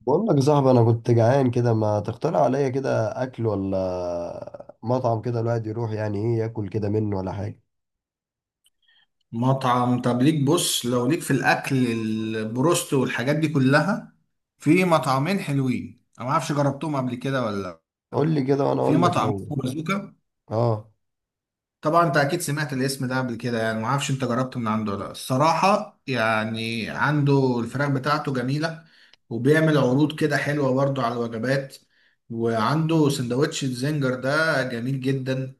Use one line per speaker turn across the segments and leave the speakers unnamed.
بقول لك يا صاحبي انا كنت جعان كده. ما تقترح عليا كده اكل ولا مطعم كده الواحد يروح يعني ايه ياكل كده منه ولا حاجه؟
مطعم. طب ليك، بص لو ليك في الاكل البروست والحاجات دي كلها. في مطعمين حلوين انا ما اعرفش جربتهم قبل كده ولا لا.
قول لي كده وانا
في
اقول لك.
مطعم
لو
اسمه بازوكا.
اه،
طبعا انت اكيد سمعت الاسم ده قبل كده، يعني ما اعرفش انت جربت من عنده ولا لا. الصراحه يعني عنده الفراخ بتاعته جميله، وبيعمل عروض كده حلوه برضو على الوجبات. وعنده سندوتش الزنجر ده جميل جدا.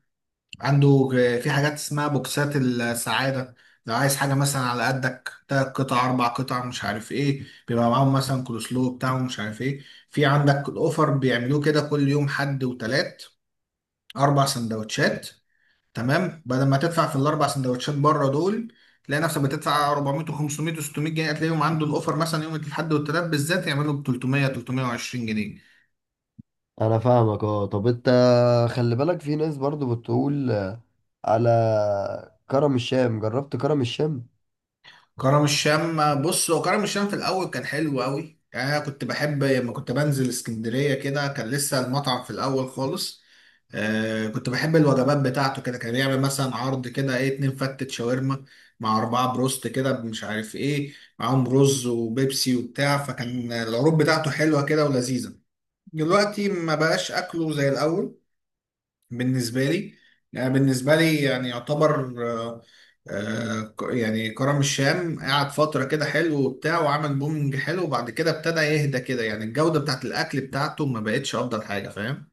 عنده في حاجات اسمها بوكسات السعادة. لو عايز حاجة مثلا على قدك تلات قطع أربع قطع مش عارف إيه، بيبقى معاهم مثلا كولوسلو بتاعهم مش عارف إيه. في عندك الأوفر بيعملوه كده كل يوم، حد وتلات، أربع سندوتشات. تمام، بدل ما تدفع في الأربع سندوتشات بره دول تلاقي نفسك بتدفع 400 و500 و600 جنيه، هتلاقيهم عنده الأوفر مثلا يوم الأحد والتلات بالذات يعملوا ب 300 320 جنيه.
انا فاهمك اه. طب انت خلي بالك في ناس برضو بتقول على كرم الشام. جربت كرم الشام؟
كرم الشام، بص هو كرم الشام في الاول كان حلو قوي. يعني انا كنت بحب لما كنت بنزل اسكندريه كده، كان لسه المطعم في الاول خالص. آه كنت بحب الوجبات بتاعته، كده كان يعمل مثلا عرض كده ايه، اتنين فتة شاورما مع اربعه بروست كده مش عارف ايه، معاهم رز وبيبسي وبتاع. فكان العروض بتاعته حلوه كده ولذيذه. دلوقتي ما بقاش اكله زي الاول بالنسبة لي. يعني بالنسبة لي يعني يعتبر آه، آه، ك- يعني كرم الشام قعد فترة كده حلو وبتاع، وعمل بومنج حلو، وبعد كده ابتدى يهدى كده. يعني الجودة بتاعت الأكل بتاعته ما بقتش أفضل حاجة، فاهم.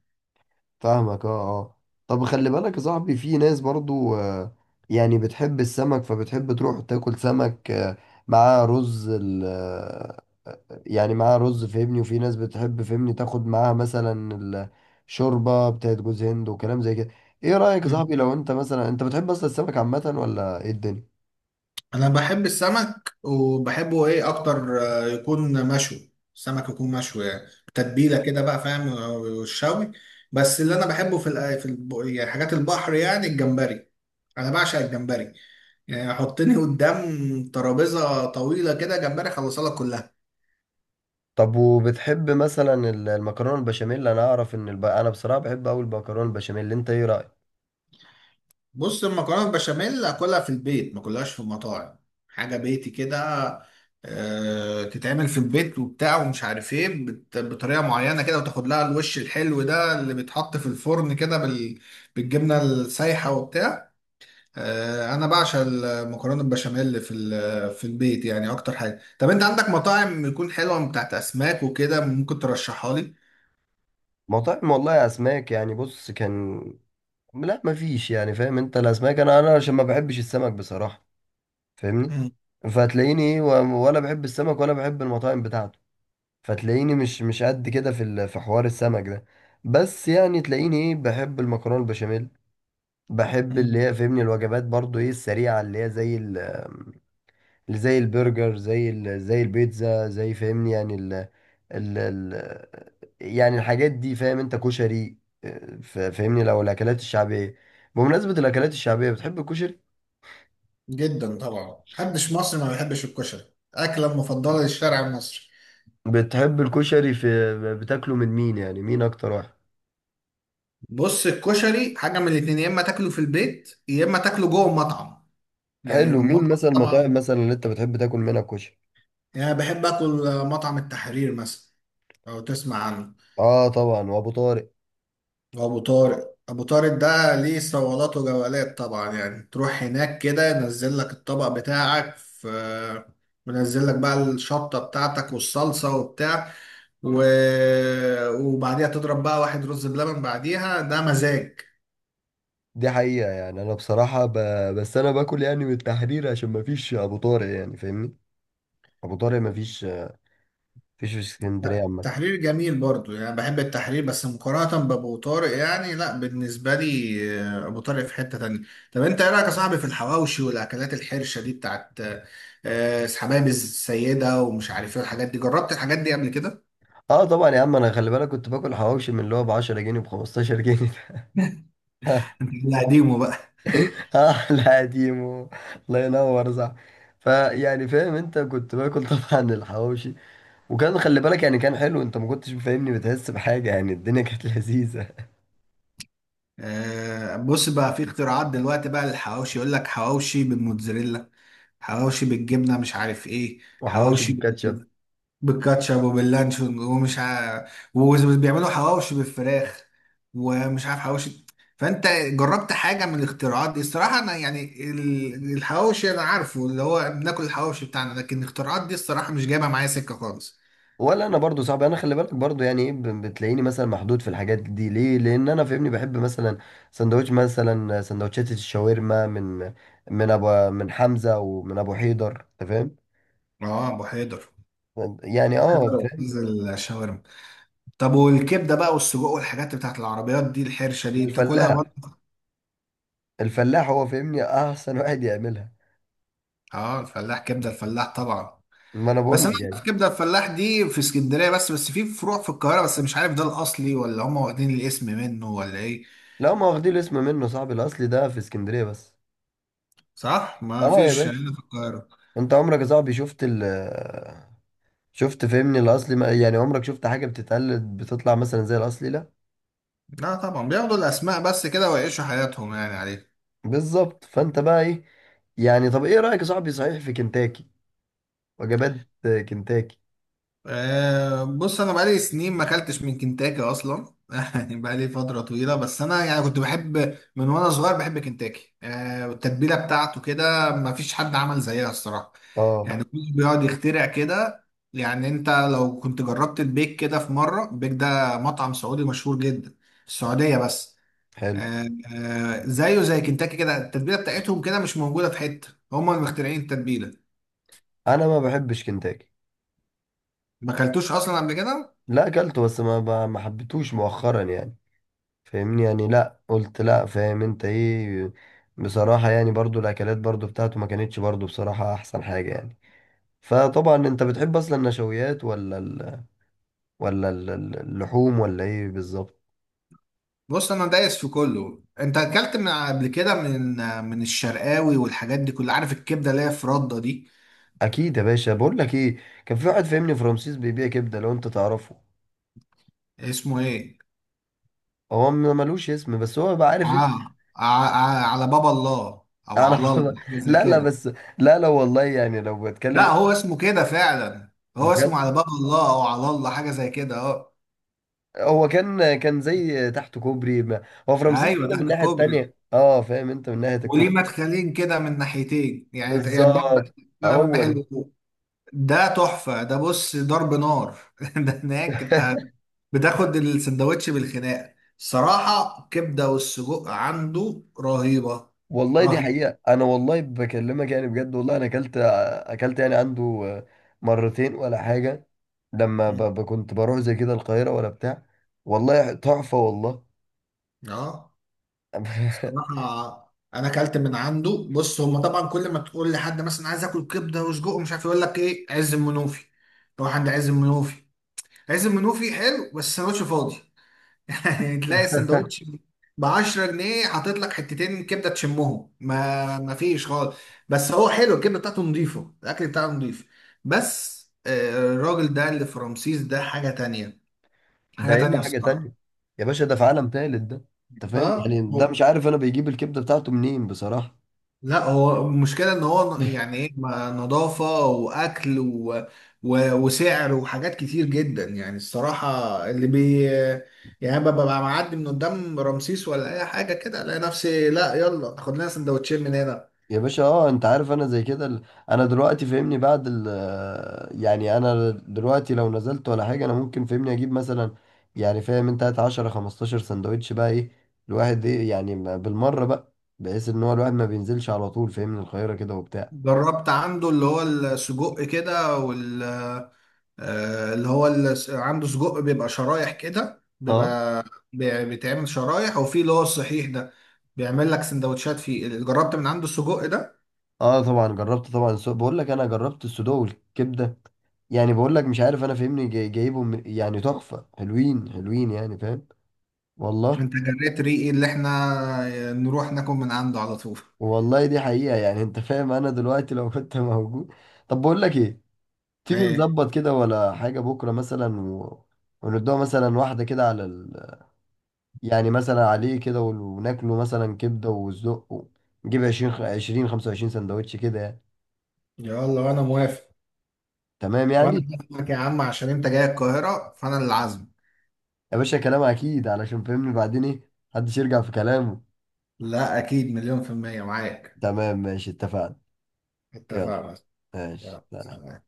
فاهمك اه. اه طب خلي بالك يا صاحبي، في ناس برضو يعني بتحب السمك، فبتحب تروح تاكل سمك مع رز. يعني معاها رز، فهمني، وفي ناس بتحب فهمني تاخد معاها مثلا الشوربة بتاعت جوز هند وكلام زي كده. ايه رأيك يا
مم.
صاحبي، لو انت مثلا انت بتحب اصلا السمك عامة ولا ايه الدنيا؟
أنا بحب السمك، وبحبه إيه أكتر، يكون مشوي. السمك يكون مشوي يعني تتبيلة كده بقى فاهم، والشوي. بس اللي أنا بحبه في الأ- في الب- يعني حاجات البحر، يعني الجمبري. أنا بعشق الجمبري، يعني حطني قدام ترابيزه طويله كده جمبري اخلصها لك كلها.
طب وبتحب مثلا المكرونة البشاميل؟ انا اعرف ان انا بصراحة بحب اوي المكرونة البشاميل. انت ايه رأيك؟
بص المكرونه البشاميل اكلها في البيت، ما كلهاش في مطاعم. حاجه بيتي كده، تتعمل في البيت وبتاع ومش عارف ايه، بطريقه معينه كده، وتاخد لها الوش الحلو ده اللي بيتحط في الفرن كده بالجبنه السايحه وبتاع. انا بعشق المكرونه البشاميل في في البيت يعني اكتر حاجه. طب انت عندك مطاعم يكون حلوه بتاعت اسماك وكده ممكن ترشحها لي؟
مطاعم، والله يا اسماك، يعني بص كان، لا مفيش. يعني فاهم انت، الاسماك انا انا عشان ما بحبش السمك بصراحة، فاهمني. فهتلاقيني ايه ولا بحب السمك ولا بحب المطاعم بتاعته. فتلاقيني مش قد كده في في حوار السمك ده. بس يعني تلاقيني ايه، بحب المكرونه البشاميل. بحب اللي
مم.
هي فهمني الوجبات برضو ايه السريعه، اللي هي زي اللي زي البرجر، زي زي البيتزا، زي فهمني يعني ال يعني الحاجات دي، فاهم؟ انت كشري، اه، فاهمني، لو الاكلات الشعبيه. بمناسبه الاكلات الشعبيه، بتحب الكشري؟
جدا طبعا، محدش مصري ما بيحبش الكشري، اكله مفضله للشارع المصري.
بتحب الكشري في بتاكله من مين يعني، مين اكتر واحد؟
بص الكشري حاجه من الاتنين، يا اما تاكله في البيت يا اما تاكله جوه المطعم. يعني
حلو، مين
المطعم
مثلا المطاعم
طبعا.
مثلا اللي انت بتحب تاكل منها كشري؟
يعني أنا بحب اكل مطعم التحرير مثلا، لو تسمع عنه.
اه طبعا، وابو طارق.
وابو طارق، ابو طارق ده ليه صولات وجولات طبعا. يعني تروح هناك كده ينزل لك الطبق بتاعك، في منزل لك بقى الشطه بتاعتك والصلصه وبتاع و... وبعديها تضرب بقى واحد رز بلبن بعديها، ده مزاج.
دي حقيقة. يعني انا بصراحة بس انا باكل يعني من التحرير عشان ما فيش ابو طارق، يعني فاهمني. ابو طارق ما فيش. فيش في اسكندرية عامة.
التحرير جميل برضو، يعني بحب التحرير، بس مقارنة بأبو طارق يعني لا. بالنسبة لي أبو طارق في حتة تانية. طب أنت إيه رأيك يا صاحبي في الحواوشي والأكلات الحرشة دي بتاعت حبايب السيدة ومش عارف إيه، الحاجات دي جربت الحاجات دي قبل كده؟
اه طبعا يا عم. انا خلي بالك كنت باكل حواوشي من اللي هو ب 10 جنيه، ب 15 جنيه.
أنت اللي قديمه بقى.
اه لا قديم، الله ينور، صح. فيعني فاهم انت، كنت باكل طبعا الحواوشي، وكان خلي بالك يعني كان حلو. انت ما كنتش فاهمني بتحس بحاجة، يعني الدنيا كانت لذيذة.
بص بقى، في اختراعات دلوقتي بقى للحواوشي. يقول لك حواوشي بالموتزاريلا، حواوشي بالجبنة مش عارف إيه.
وحواوشي
حواوشي
بالكاتشب.
بالكاتشب وباللانشون وبيعملوا حواوشي بالفراخ، ومش عارف حواوشي. فانت جربت حاجه من الاختراعات دي؟ الصراحه انا يعني الحواوشي انا عارفه اللي هو بناكل الحواوشي بتاعنا، لكن الاختراعات دي الصراحه مش جايبه معايا سكه خالص.
ولا انا برضو صعب. انا خلي بالك برضو يعني ايه، بتلاقيني مثلا محدود في الحاجات دي. ليه؟ لان انا فاهمني بحب مثلا سندوتش، مثلا سندوتشات الشاورما من من ابو من حمزة ومن ابو حيدر، انت فاهم.
اه ابو حيدر،
يعني
ابو
اه
حيدر
فاهم.
استاذ الشاورما. طب والكبده بقى والسجق والحاجات بتاعت العربيات دي الحرشه دي بتاكلها
الفلاح.
برضه؟
الفلاح هو فاهمني احسن واحد يعملها.
اه الفلاح، كبده الفلاح طبعا.
ما انا بقول
بس انا
لك
في
يعني.
كبده الفلاح دي في اسكندريه بس، في فروع في القاهره بس مش عارف ده الاصلي ولا هم واخدين الاسم منه ولا ايه.
لا ما واخدين الاسم منه صاحبي. الاصلي ده في اسكندرية بس.
صح، ما
اه يا
فيش
باشا.
هنا في القاهره.
انت عمرك يا صاحبي شفت شفت فاهمني الاصلي يعني عمرك شفت حاجة بتتقلد بتطلع مثلا زي الاصلي؟ لا.
لا طبعا، بياخدوا الاسماء بس كده ويعيشوا حياتهم يعني عليه.
بالظبط. فانت بقى ايه، يعني طب ايه رأيك يا صاحبي صحيح في كنتاكي؟ وجبات كنتاكي.
أه بص انا بقالي سنين ما اكلتش من كنتاكي اصلا يعني بقالي فتره طويله. بس انا يعني كنت بحب من وانا صغير بحب كنتاكي، أه والتتبيله بتاعته كده ما فيش حد عمل زيها الصراحه.
اه،
يعني كله بيقعد يخترع كده. يعني انت لو كنت جربت البيك كده في مره، البيك ده مطعم سعودي مشهور جدا في السعوديه بس.
حلو.
أه. أه زيه زي كنتاكي كده، التتبيله بتاعتهم كده مش موجوده في حته، هم اللي مخترعين التتبيله.
انا ما بحبش كنتاكي.
ما اكلتوش اصلا قبل كده؟
لا اكلته، بس ما حبيتهوش مؤخرا يعني. فاهمني؟ يعني لا، قلت لا، فاهم انت ايه. بصراحة يعني برضو الاكلات برضو بتاعته ما كانتش برضو بصراحة احسن حاجة يعني. فطبعا انت بتحب اصلا النشويات ولا ولا اللحوم ولا ايه بالظبط؟
بص انا دايس في كله. انت اكلت من قبل كده من الشرقاوي والحاجات دي كلها؟ عارف الكبده اللي هي في رده دي؟
اكيد يا باشا، بقول لك ايه، كان في واحد فاهمني في رمسيس بيبيع كبدة، لو انت تعرفه.
اسمه ايه؟
هو ملوش اسم، بس هو بقى عارف انت.
على باب الله، او على
اعرف.
الله حاجه زي
لا لا
كده.
بس، لا لا والله، يعني لو بتكلم
لا هو اسمه كده فعلا، هو اسمه
بجد.
على باب الله او على الله حاجه زي كده، اه.
هو كان زي تحت كوبري ما. هو في رمسيس
ايوه
كده من
تحت
الناحية
كوبري،
التانية، اه فاهم انت، من ناحية
وليه
الكوبري.
مدخلين كده من ناحيتين، يعني يعني باب،
بالظبط، هو
باب
ده.
محل. ده تحفة ده، بص ضرب نار ده هناك انت بتاخد السندوتش بالخناقة. الصراحة الكبدة والسجق عنده رهيبة،
والله دي
رهيبة.
حقيقة. أنا والله بكلمك يعني بجد. والله أنا أكلت، أكلت يعني عنده مرتين ولا حاجة، لما
مم.
كنت بروح زي كده القاهرة ولا بتاع. والله تحفة، والله.
اه. الصراحة انا اكلت من عنده. بص هما طبعا كل ما تقول لحد مثلا عايز اكل كبدة وسجق ومش عارف إيه، يقول لك ايه، عز المنوفي، روح عند عز المنوفي. عز المنوفي حلو بس السندوتش فاضي، يعني تلاقي السندوتش ب 10 جنيه حاطط لك حتتين كبده تشمهم ما فيش خالص. بس هو حلو، الكبده بتاعته نظيفه، الاكل بتاعه نظيف. بس الراجل ده اللي في رمسيس ده حاجه تانية،
ده
حاجه
الا
تانية
حاجه تانية.
الصراحه.
يا باشا ده في عالم تالت ده. انت فاهم،
اه
يعني ده
هو،
مش عارف انا بيجيب الكبده بتاعته منين بصراحه.
لا هو المشكلة ان هو يعني ايه نظافة واكل وسعر وحاجات كتير جدا يعني الصراحة. اللي بي يعني ببقى معدي من قدام رمسيس ولا اي حاجة كده الاقي نفسي، لا يلا خد لنا سندوتشين من هنا.
يا باشا، اه انت عارف انا زي كده انا دلوقتي فاهمني بعد يعني انا دلوقتي لو نزلت ولا حاجه، انا ممكن فاهمني اجيب مثلا، يعني فاهم انت، هات 10 15 سندوتش بقى ايه، الواحد ايه يعني بالمره بقى، بحيث ان هو الواحد ما بينزلش على طول فاهمني القاهره كده وبتاع.
جربت عنده اللي هو السجق كده اللي هو عنده سجق بيبقى شرايح كده،
اه.
بيبقى بيتعمل شرايح، وفي اللي هو الصحيح ده بيعمل لك سندوتشات فيه، جربت من عنده السجق ده؟
اه طبعا جربت، طبعا بقول لك انا جربت السودو والكبده. يعني بقول لك مش عارف انا فاهمني جايبهم يعني تحفه، حلوين حلوين يعني فاهم. والله.
انت جريت ريقي اللي احنا نروح ناكل من عنده على طول.
والله دي حقيقه. يعني انت فاهم انا دلوقتي لو كنت موجود. طب بقول لك ايه، تيجي
ايه؟
نظبط كده ولا حاجه بكره مثلا وندوها مثلا واحده كده على ال... يعني مثلا عليه كده وناكله مثلا كبده وزق، نجيب 20 20 25 سندوتش كده يعني.
يلا وانا موافق.
تمام
وانا
يعني.
هسمعك يا عم، عشان انت جاي القاهرة فانا اللي عازمك.
يا باشا كلام اكيد، علشان فهمني بعدين ايه، محدش يرجع في كلامه.
لا اكيد، مليون في المية معاك.
تمام ماشي، اتفقنا. يلا
اتفقنا.
ماشي،
يلا
سلام.
سلام.